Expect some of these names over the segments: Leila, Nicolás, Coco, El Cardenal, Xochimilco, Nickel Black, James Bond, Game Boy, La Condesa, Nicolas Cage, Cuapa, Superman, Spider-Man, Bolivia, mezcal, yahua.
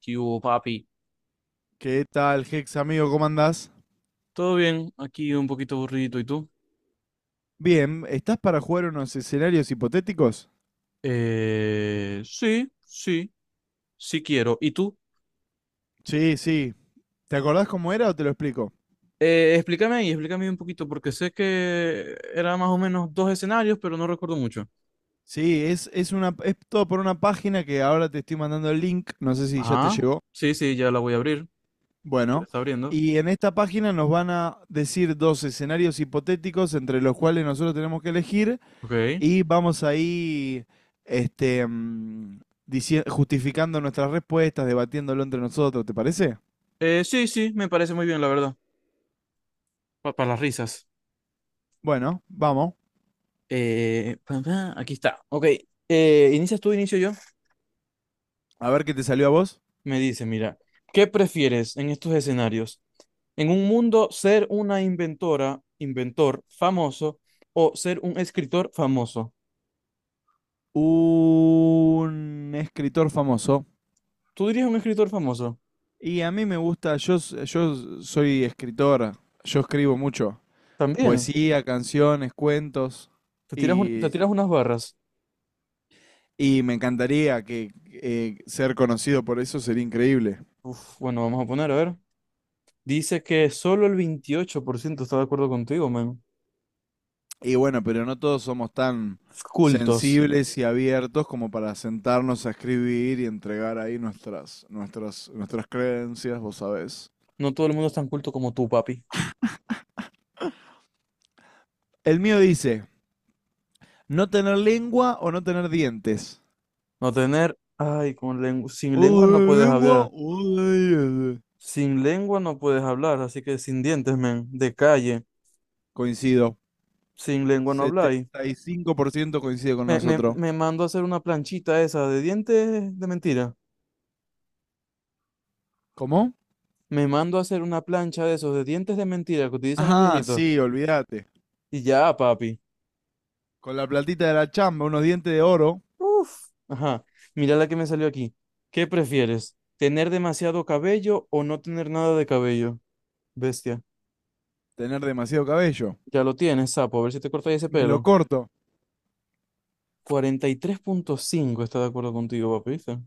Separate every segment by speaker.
Speaker 1: ¿Qué hubo, papi?
Speaker 2: ¿Qué tal, Hex, amigo? ¿Cómo andás?
Speaker 1: ¿Todo bien? Aquí un poquito aburrido. ¿Y tú?
Speaker 2: Bien, ¿estás para jugar unos escenarios hipotéticos?
Speaker 1: Sí, sí, sí quiero. ¿Y tú?
Speaker 2: Sí, sí. ¿Te acordás cómo era o te lo explico?
Speaker 1: Explícame ahí, explícame un poquito, porque sé que era más o menos dos escenarios, pero no recuerdo mucho.
Speaker 2: Sí, es es todo por una página que ahora te estoy mandando el link, no sé si ya te
Speaker 1: Ah,
Speaker 2: llegó.
Speaker 1: sí, sí, ya la voy a abrir. Aquí la
Speaker 2: Bueno,
Speaker 1: está abriendo.
Speaker 2: y en esta página nos van a decir dos escenarios hipotéticos entre los cuales nosotros tenemos que elegir
Speaker 1: Ok.
Speaker 2: y vamos ahí, este, mm, justificando nuestras respuestas, debatiéndolo entre nosotros, ¿te parece?
Speaker 1: Sí, sí, me parece muy bien, la verdad. Para las risas.
Speaker 2: Bueno, vamos.
Speaker 1: Aquí está. Ok. ¿Inicias tú, inicio yo?
Speaker 2: A ver qué te salió a vos.
Speaker 1: Me dice, mira, ¿qué prefieres en estos escenarios? En un mundo, ser una inventor famoso o ser un escritor famoso.
Speaker 2: Un escritor famoso.
Speaker 1: ¿Tú dirías un escritor famoso?
Speaker 2: Y a mí me gusta, yo soy escritor, yo escribo mucho,
Speaker 1: También.
Speaker 2: poesía, canciones, cuentos,
Speaker 1: Te tiras te
Speaker 2: y,
Speaker 1: tiras unas barras.
Speaker 2: me encantaría que ser conocido por eso sería increíble.
Speaker 1: Uf, bueno, vamos a poner, a ver. Dice que solo el 28% está de acuerdo contigo, man.
Speaker 2: Y bueno, pero no todos somos tan
Speaker 1: Cultos.
Speaker 2: sensibles y abiertos como para sentarnos a escribir y entregar ahí nuestras creencias, vos sabés.
Speaker 1: No todo el mundo es tan culto como tú, papi.
Speaker 2: El mío dice, no tener lengua o no tener dientes.
Speaker 1: No tener, ay, con lengua, sin
Speaker 2: O
Speaker 1: lengua
Speaker 2: de
Speaker 1: no puedes
Speaker 2: lengua
Speaker 1: hablar.
Speaker 2: o de diez.
Speaker 1: Sin lengua no puedes hablar, así que sin dientes, men, de calle.
Speaker 2: Coincido.
Speaker 1: Sin lengua no habláis.
Speaker 2: 75% coincide con nosotros.
Speaker 1: Me mando a hacer una planchita esa de dientes de mentira.
Speaker 2: ¿Cómo?
Speaker 1: Me mando a hacer una plancha de esos de dientes de mentira que utilizan los
Speaker 2: Ajá,
Speaker 1: viejitos.
Speaker 2: sí, olvídate.
Speaker 1: Y ya, papi.
Speaker 2: Con la platita de la chamba, unos dientes de oro,
Speaker 1: Uf. Ajá. Mira la que me salió aquí. ¿Qué prefieres? ¿Tener demasiado cabello o no tener nada de cabello? Bestia.
Speaker 2: tener demasiado cabello.
Speaker 1: Ya lo tienes, sapo. A ver si te cortas ese
Speaker 2: Me lo
Speaker 1: pelo.
Speaker 2: corto.
Speaker 1: 43,5 está de acuerdo contigo, papi. ¿Viste?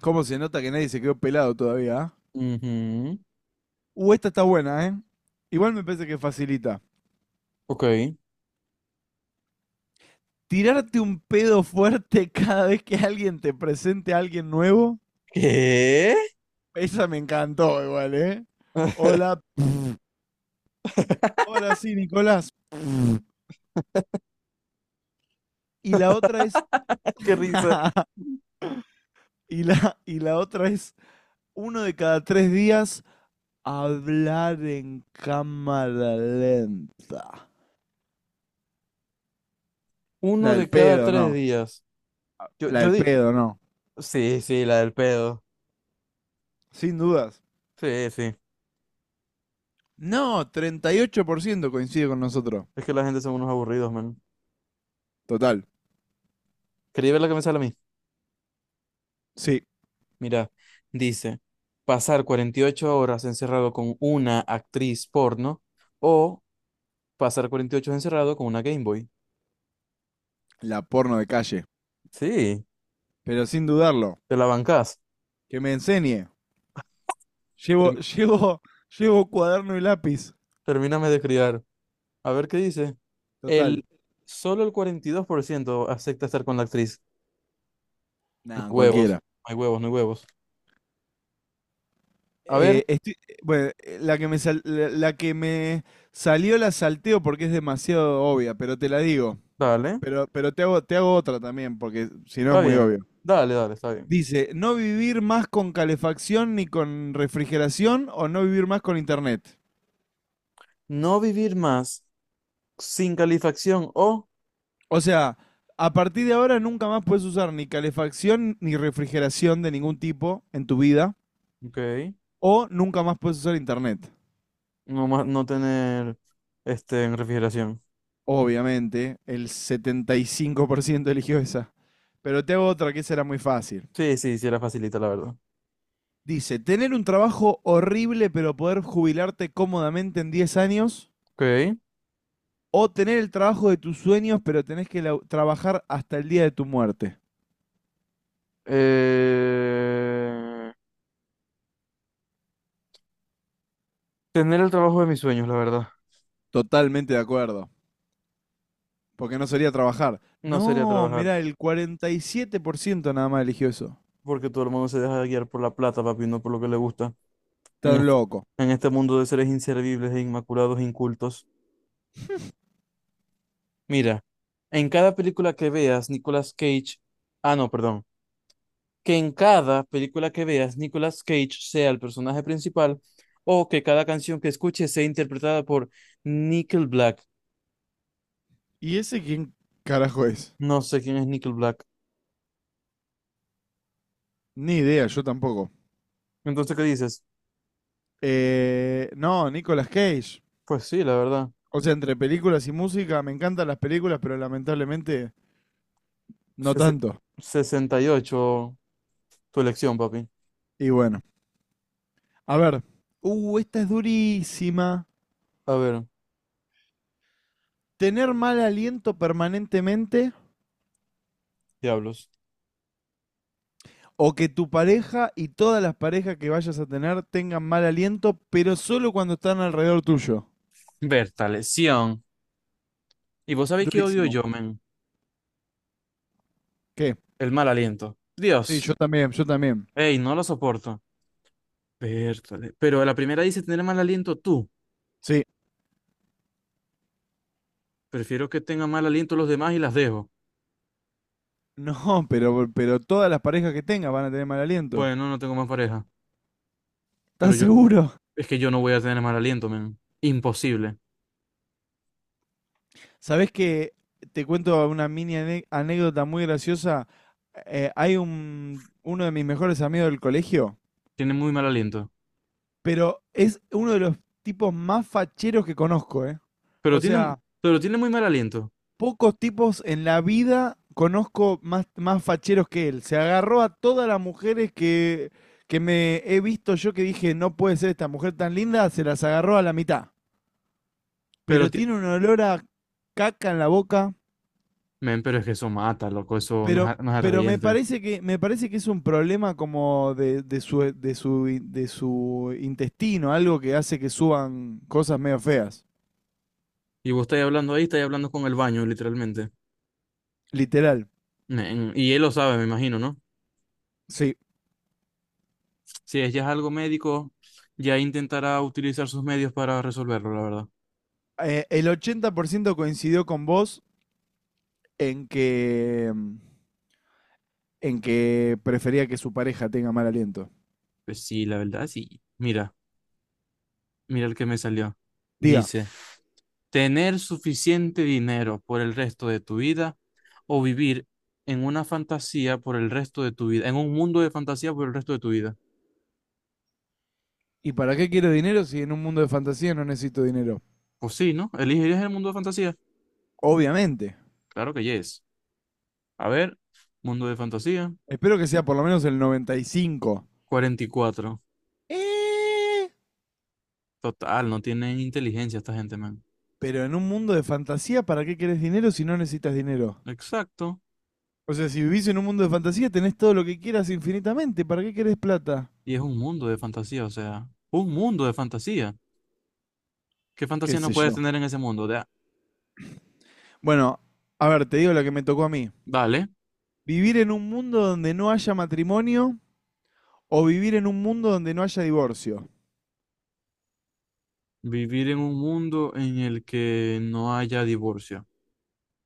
Speaker 2: ¿Cómo se nota que nadie se quedó pelado todavía? ¿Ah?
Speaker 1: Ujú.
Speaker 2: Esta está buena, ¿eh? Igual me parece que facilita.
Speaker 1: Ok.
Speaker 2: Tirarte un pedo fuerte cada vez que alguien te presente a alguien nuevo.
Speaker 1: ¿Qué?
Speaker 2: Esa me encantó igual, ¿eh? Hola. Hola, sí, Nicolás. Y la otra es.
Speaker 1: Qué risa.
Speaker 2: Y la otra es uno de cada tres días hablar en cámara lenta.
Speaker 1: Uno
Speaker 2: La
Speaker 1: de
Speaker 2: del
Speaker 1: cada
Speaker 2: pedo,
Speaker 1: tres
Speaker 2: no.
Speaker 1: días. Yo,
Speaker 2: La
Speaker 1: yo,
Speaker 2: del
Speaker 1: di-
Speaker 2: pedo, no.
Speaker 1: Sí, sí, la del pedo.
Speaker 2: Sin dudas.
Speaker 1: Sí, sí.
Speaker 2: No, 38% coincide con nosotros.
Speaker 1: Es que la gente son unos aburridos, man.
Speaker 2: Total.
Speaker 1: Quería ver la que me sale a mí.
Speaker 2: Sí,
Speaker 1: Mira, dice, pasar 48 horas encerrado con una actriz porno o pasar 48 horas encerrado con una Game Boy.
Speaker 2: la porno de calle.
Speaker 1: Sí,
Speaker 2: Pero sin dudarlo,
Speaker 1: te la bancás.
Speaker 2: que me enseñe. Llevo,
Speaker 1: Term-
Speaker 2: llevo cuaderno y lápiz.
Speaker 1: termíname de criar. A ver qué dice.
Speaker 2: Total.
Speaker 1: El, solo el 42% acepta estar con la actriz. No hay
Speaker 2: Nada,
Speaker 1: huevos,
Speaker 2: cualquiera.
Speaker 1: no hay huevos, no hay huevos. A ver,
Speaker 2: Bueno, la que me salió la salteo porque es demasiado obvia, pero te la digo.
Speaker 1: dale,
Speaker 2: Pero, te hago otra también, porque si no es
Speaker 1: está
Speaker 2: muy
Speaker 1: bien.
Speaker 2: obvio.
Speaker 1: Dale, dale, está bien.
Speaker 2: Dice, no vivir más con calefacción ni con refrigeración o no vivir más con internet.
Speaker 1: No vivir más sin calefacción o,
Speaker 2: O sea, a partir de ahora nunca más puedes usar ni calefacción ni refrigeración de ningún tipo en tu vida
Speaker 1: ok,
Speaker 2: o nunca más puedes usar internet.
Speaker 1: no, no tener este, en refrigeración.
Speaker 2: Obviamente, el 75% eligió esa. Pero te hago otra que esa era muy fácil.
Speaker 1: Sí, sí, sí, era facilita, la verdad.
Speaker 2: Dice, tener un trabajo horrible pero poder jubilarte cómodamente en 10 años
Speaker 1: Ok.
Speaker 2: o tener el trabajo de tus sueños pero tenés que trabajar hasta el día de tu muerte.
Speaker 1: Eh, tener el trabajo de mis sueños, la verdad.
Speaker 2: Totalmente de acuerdo, porque no sería trabajar.
Speaker 1: No sería
Speaker 2: No,
Speaker 1: trabajar,
Speaker 2: mirá, el 47% nada más eligió eso.
Speaker 1: porque todo el mundo se deja guiar por la plata, papi, no por lo que le gusta. En
Speaker 2: Tan
Speaker 1: este,
Speaker 2: loco.
Speaker 1: en este mundo de seres inservibles e inmaculados, e incultos. Mira, en cada película que veas, Nicolas Cage. Ah, no, perdón. Que en cada película que veas Nicolas Cage sea el personaje principal o que cada canción que escuches sea interpretada por Nickel Black.
Speaker 2: ¿Y ese quién carajo es?
Speaker 1: No sé quién es Nickel Black.
Speaker 2: Ni idea, yo tampoco.
Speaker 1: Entonces, ¿qué dices?
Speaker 2: No, Nicolas Cage.
Speaker 1: Pues sí, la verdad.
Speaker 2: O sea, entre películas y música, me encantan las películas, pero lamentablemente no
Speaker 1: Ses-
Speaker 2: tanto.
Speaker 1: 68 tu elección, papi.
Speaker 2: Y bueno, a ver. Esta es durísima.
Speaker 1: A ver,
Speaker 2: ¿Tener mal aliento permanentemente
Speaker 1: diablos.
Speaker 2: o que tu pareja y todas las parejas que vayas a tener tengan mal aliento, pero solo cuando están alrededor tuyo?
Speaker 1: Bertaleción. ¿Y vos sabéis qué odio
Speaker 2: Durísimo.
Speaker 1: yo, men?
Speaker 2: ¿Qué?
Speaker 1: El mal aliento.
Speaker 2: Sí, yo
Speaker 1: Dios.
Speaker 2: también, yo también.
Speaker 1: Ey, no lo soporto. Bertale. Pero la primera dice tener mal aliento tú.
Speaker 2: Sí.
Speaker 1: Prefiero que tengan mal aliento los demás y las dejo.
Speaker 2: No, pero todas las parejas que tengas van a tener mal aliento.
Speaker 1: Bueno, no tengo más pareja. Pero
Speaker 2: ¿Estás
Speaker 1: yo,
Speaker 2: seguro?
Speaker 1: es que yo no voy a tener mal aliento, men. Imposible.
Speaker 2: ¿Sabés que te cuento una mini anécdota muy graciosa? Hay uno de mis mejores amigos del colegio,
Speaker 1: Tiene muy mal aliento.
Speaker 2: pero es uno de los tipos más facheros que conozco, ¿eh? O sea,
Speaker 1: Pero tiene muy mal aliento.
Speaker 2: pocos tipos en la vida conozco más facheros que él. Se agarró a todas las mujeres que me he visto yo que dije, no puede ser esta mujer tan linda, se las agarró a la mitad.
Speaker 1: Pero
Speaker 2: Pero
Speaker 1: ti-
Speaker 2: tiene un olor a caca en la boca.
Speaker 1: men, pero es que eso mata, loco. Eso no es,
Speaker 2: Pero,
Speaker 1: no es
Speaker 2: pero me
Speaker 1: atrayente.
Speaker 2: parece que, me parece que es un problema como de su intestino, algo que hace que suban cosas medio feas.
Speaker 1: Y vos estáis hablando ahí, estáis hablando con el baño, literalmente.
Speaker 2: Literal.
Speaker 1: Men, y él lo sabe, me imagino, ¿no?
Speaker 2: Sí,
Speaker 1: Si es ya es algo médico, ya intentará utilizar sus medios para resolverlo, la verdad.
Speaker 2: El 80% coincidió con vos en que, mm, en que prefería que su pareja tenga mal aliento.
Speaker 1: Pues sí, la verdad, sí. Mira, mira el que me salió.
Speaker 2: Diga,
Speaker 1: Dice, tener suficiente dinero por el resto de tu vida o vivir en una fantasía por el resto de tu vida, en un mundo de fantasía por el resto de tu vida.
Speaker 2: ¿y para qué quiero dinero si en un mundo de fantasía no necesito dinero?
Speaker 1: Pues sí, ¿no? ¿Elegirías el mundo de fantasía?
Speaker 2: Obviamente.
Speaker 1: Claro que yes. A ver, mundo de fantasía,
Speaker 2: Espero que sea por lo menos el 95.
Speaker 1: 44. Total, no tienen inteligencia esta gente, man.
Speaker 2: Pero en un mundo de fantasía, ¿para qué querés dinero si no necesitas dinero?
Speaker 1: Exacto.
Speaker 2: O sea, si vivís en un mundo de fantasía, tenés todo lo que quieras infinitamente. ¿Para qué querés plata?
Speaker 1: Y es un mundo de fantasía, o sea, un mundo de fantasía. ¿Qué
Speaker 2: ¿Qué
Speaker 1: fantasía no
Speaker 2: sé
Speaker 1: puedes
Speaker 2: yo?
Speaker 1: tener en ese mundo? De
Speaker 2: Bueno, a ver, te digo lo que me tocó a mí.
Speaker 1: dale,
Speaker 2: Vivir en un mundo donde no haya matrimonio o vivir en un mundo donde no haya divorcio.
Speaker 1: vivir en un mundo en el que no haya divorcio.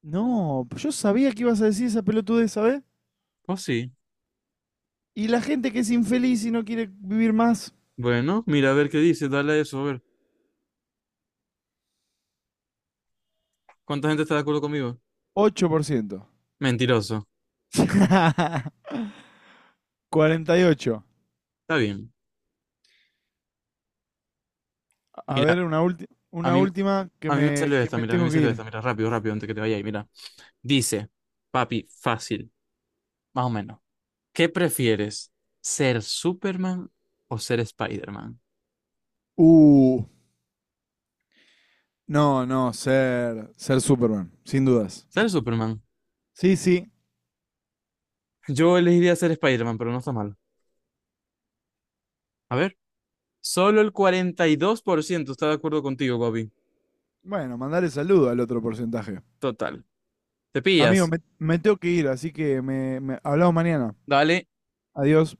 Speaker 2: No, yo sabía que ibas a decir esa pelotudez, ¿sabes?
Speaker 1: Pues sí,
Speaker 2: Y la gente que es infeliz y no quiere vivir más,
Speaker 1: bueno, mira, a ver qué dice, dale a eso, a ver. ¿Cuánta gente está de acuerdo conmigo?
Speaker 2: 8%.
Speaker 1: Mentiroso.
Speaker 2: 48.
Speaker 1: Está bien.
Speaker 2: A ver,
Speaker 1: Mira,
Speaker 2: una, ulti-
Speaker 1: a
Speaker 2: una
Speaker 1: mí,
Speaker 2: última que
Speaker 1: a mí me
Speaker 2: me,
Speaker 1: salió
Speaker 2: que
Speaker 1: esta,
Speaker 2: me
Speaker 1: mira, a mí me
Speaker 2: tengo que
Speaker 1: salió
Speaker 2: ir.
Speaker 1: esta, mira, rápido, rápido, antes que te vaya ahí, mira. Dice, papi, fácil, más o menos. ¿Qué prefieres? ¿Ser Superman o ser Spider-Man?
Speaker 2: Uh, no, no, ser Superman, sin dudas.
Speaker 1: Ser Superman.
Speaker 2: Sí, sí.
Speaker 1: Yo elegiría ser Spider-Man, pero no está mal. A ver, solo el 42% está de acuerdo contigo, Bobby.
Speaker 2: Bueno, mandarle saludo al otro porcentaje.
Speaker 1: Total. ¿Te
Speaker 2: Amigo,
Speaker 1: pillas?
Speaker 2: me tengo que ir, así que me hablamos mañana.
Speaker 1: Dale.
Speaker 2: Adiós.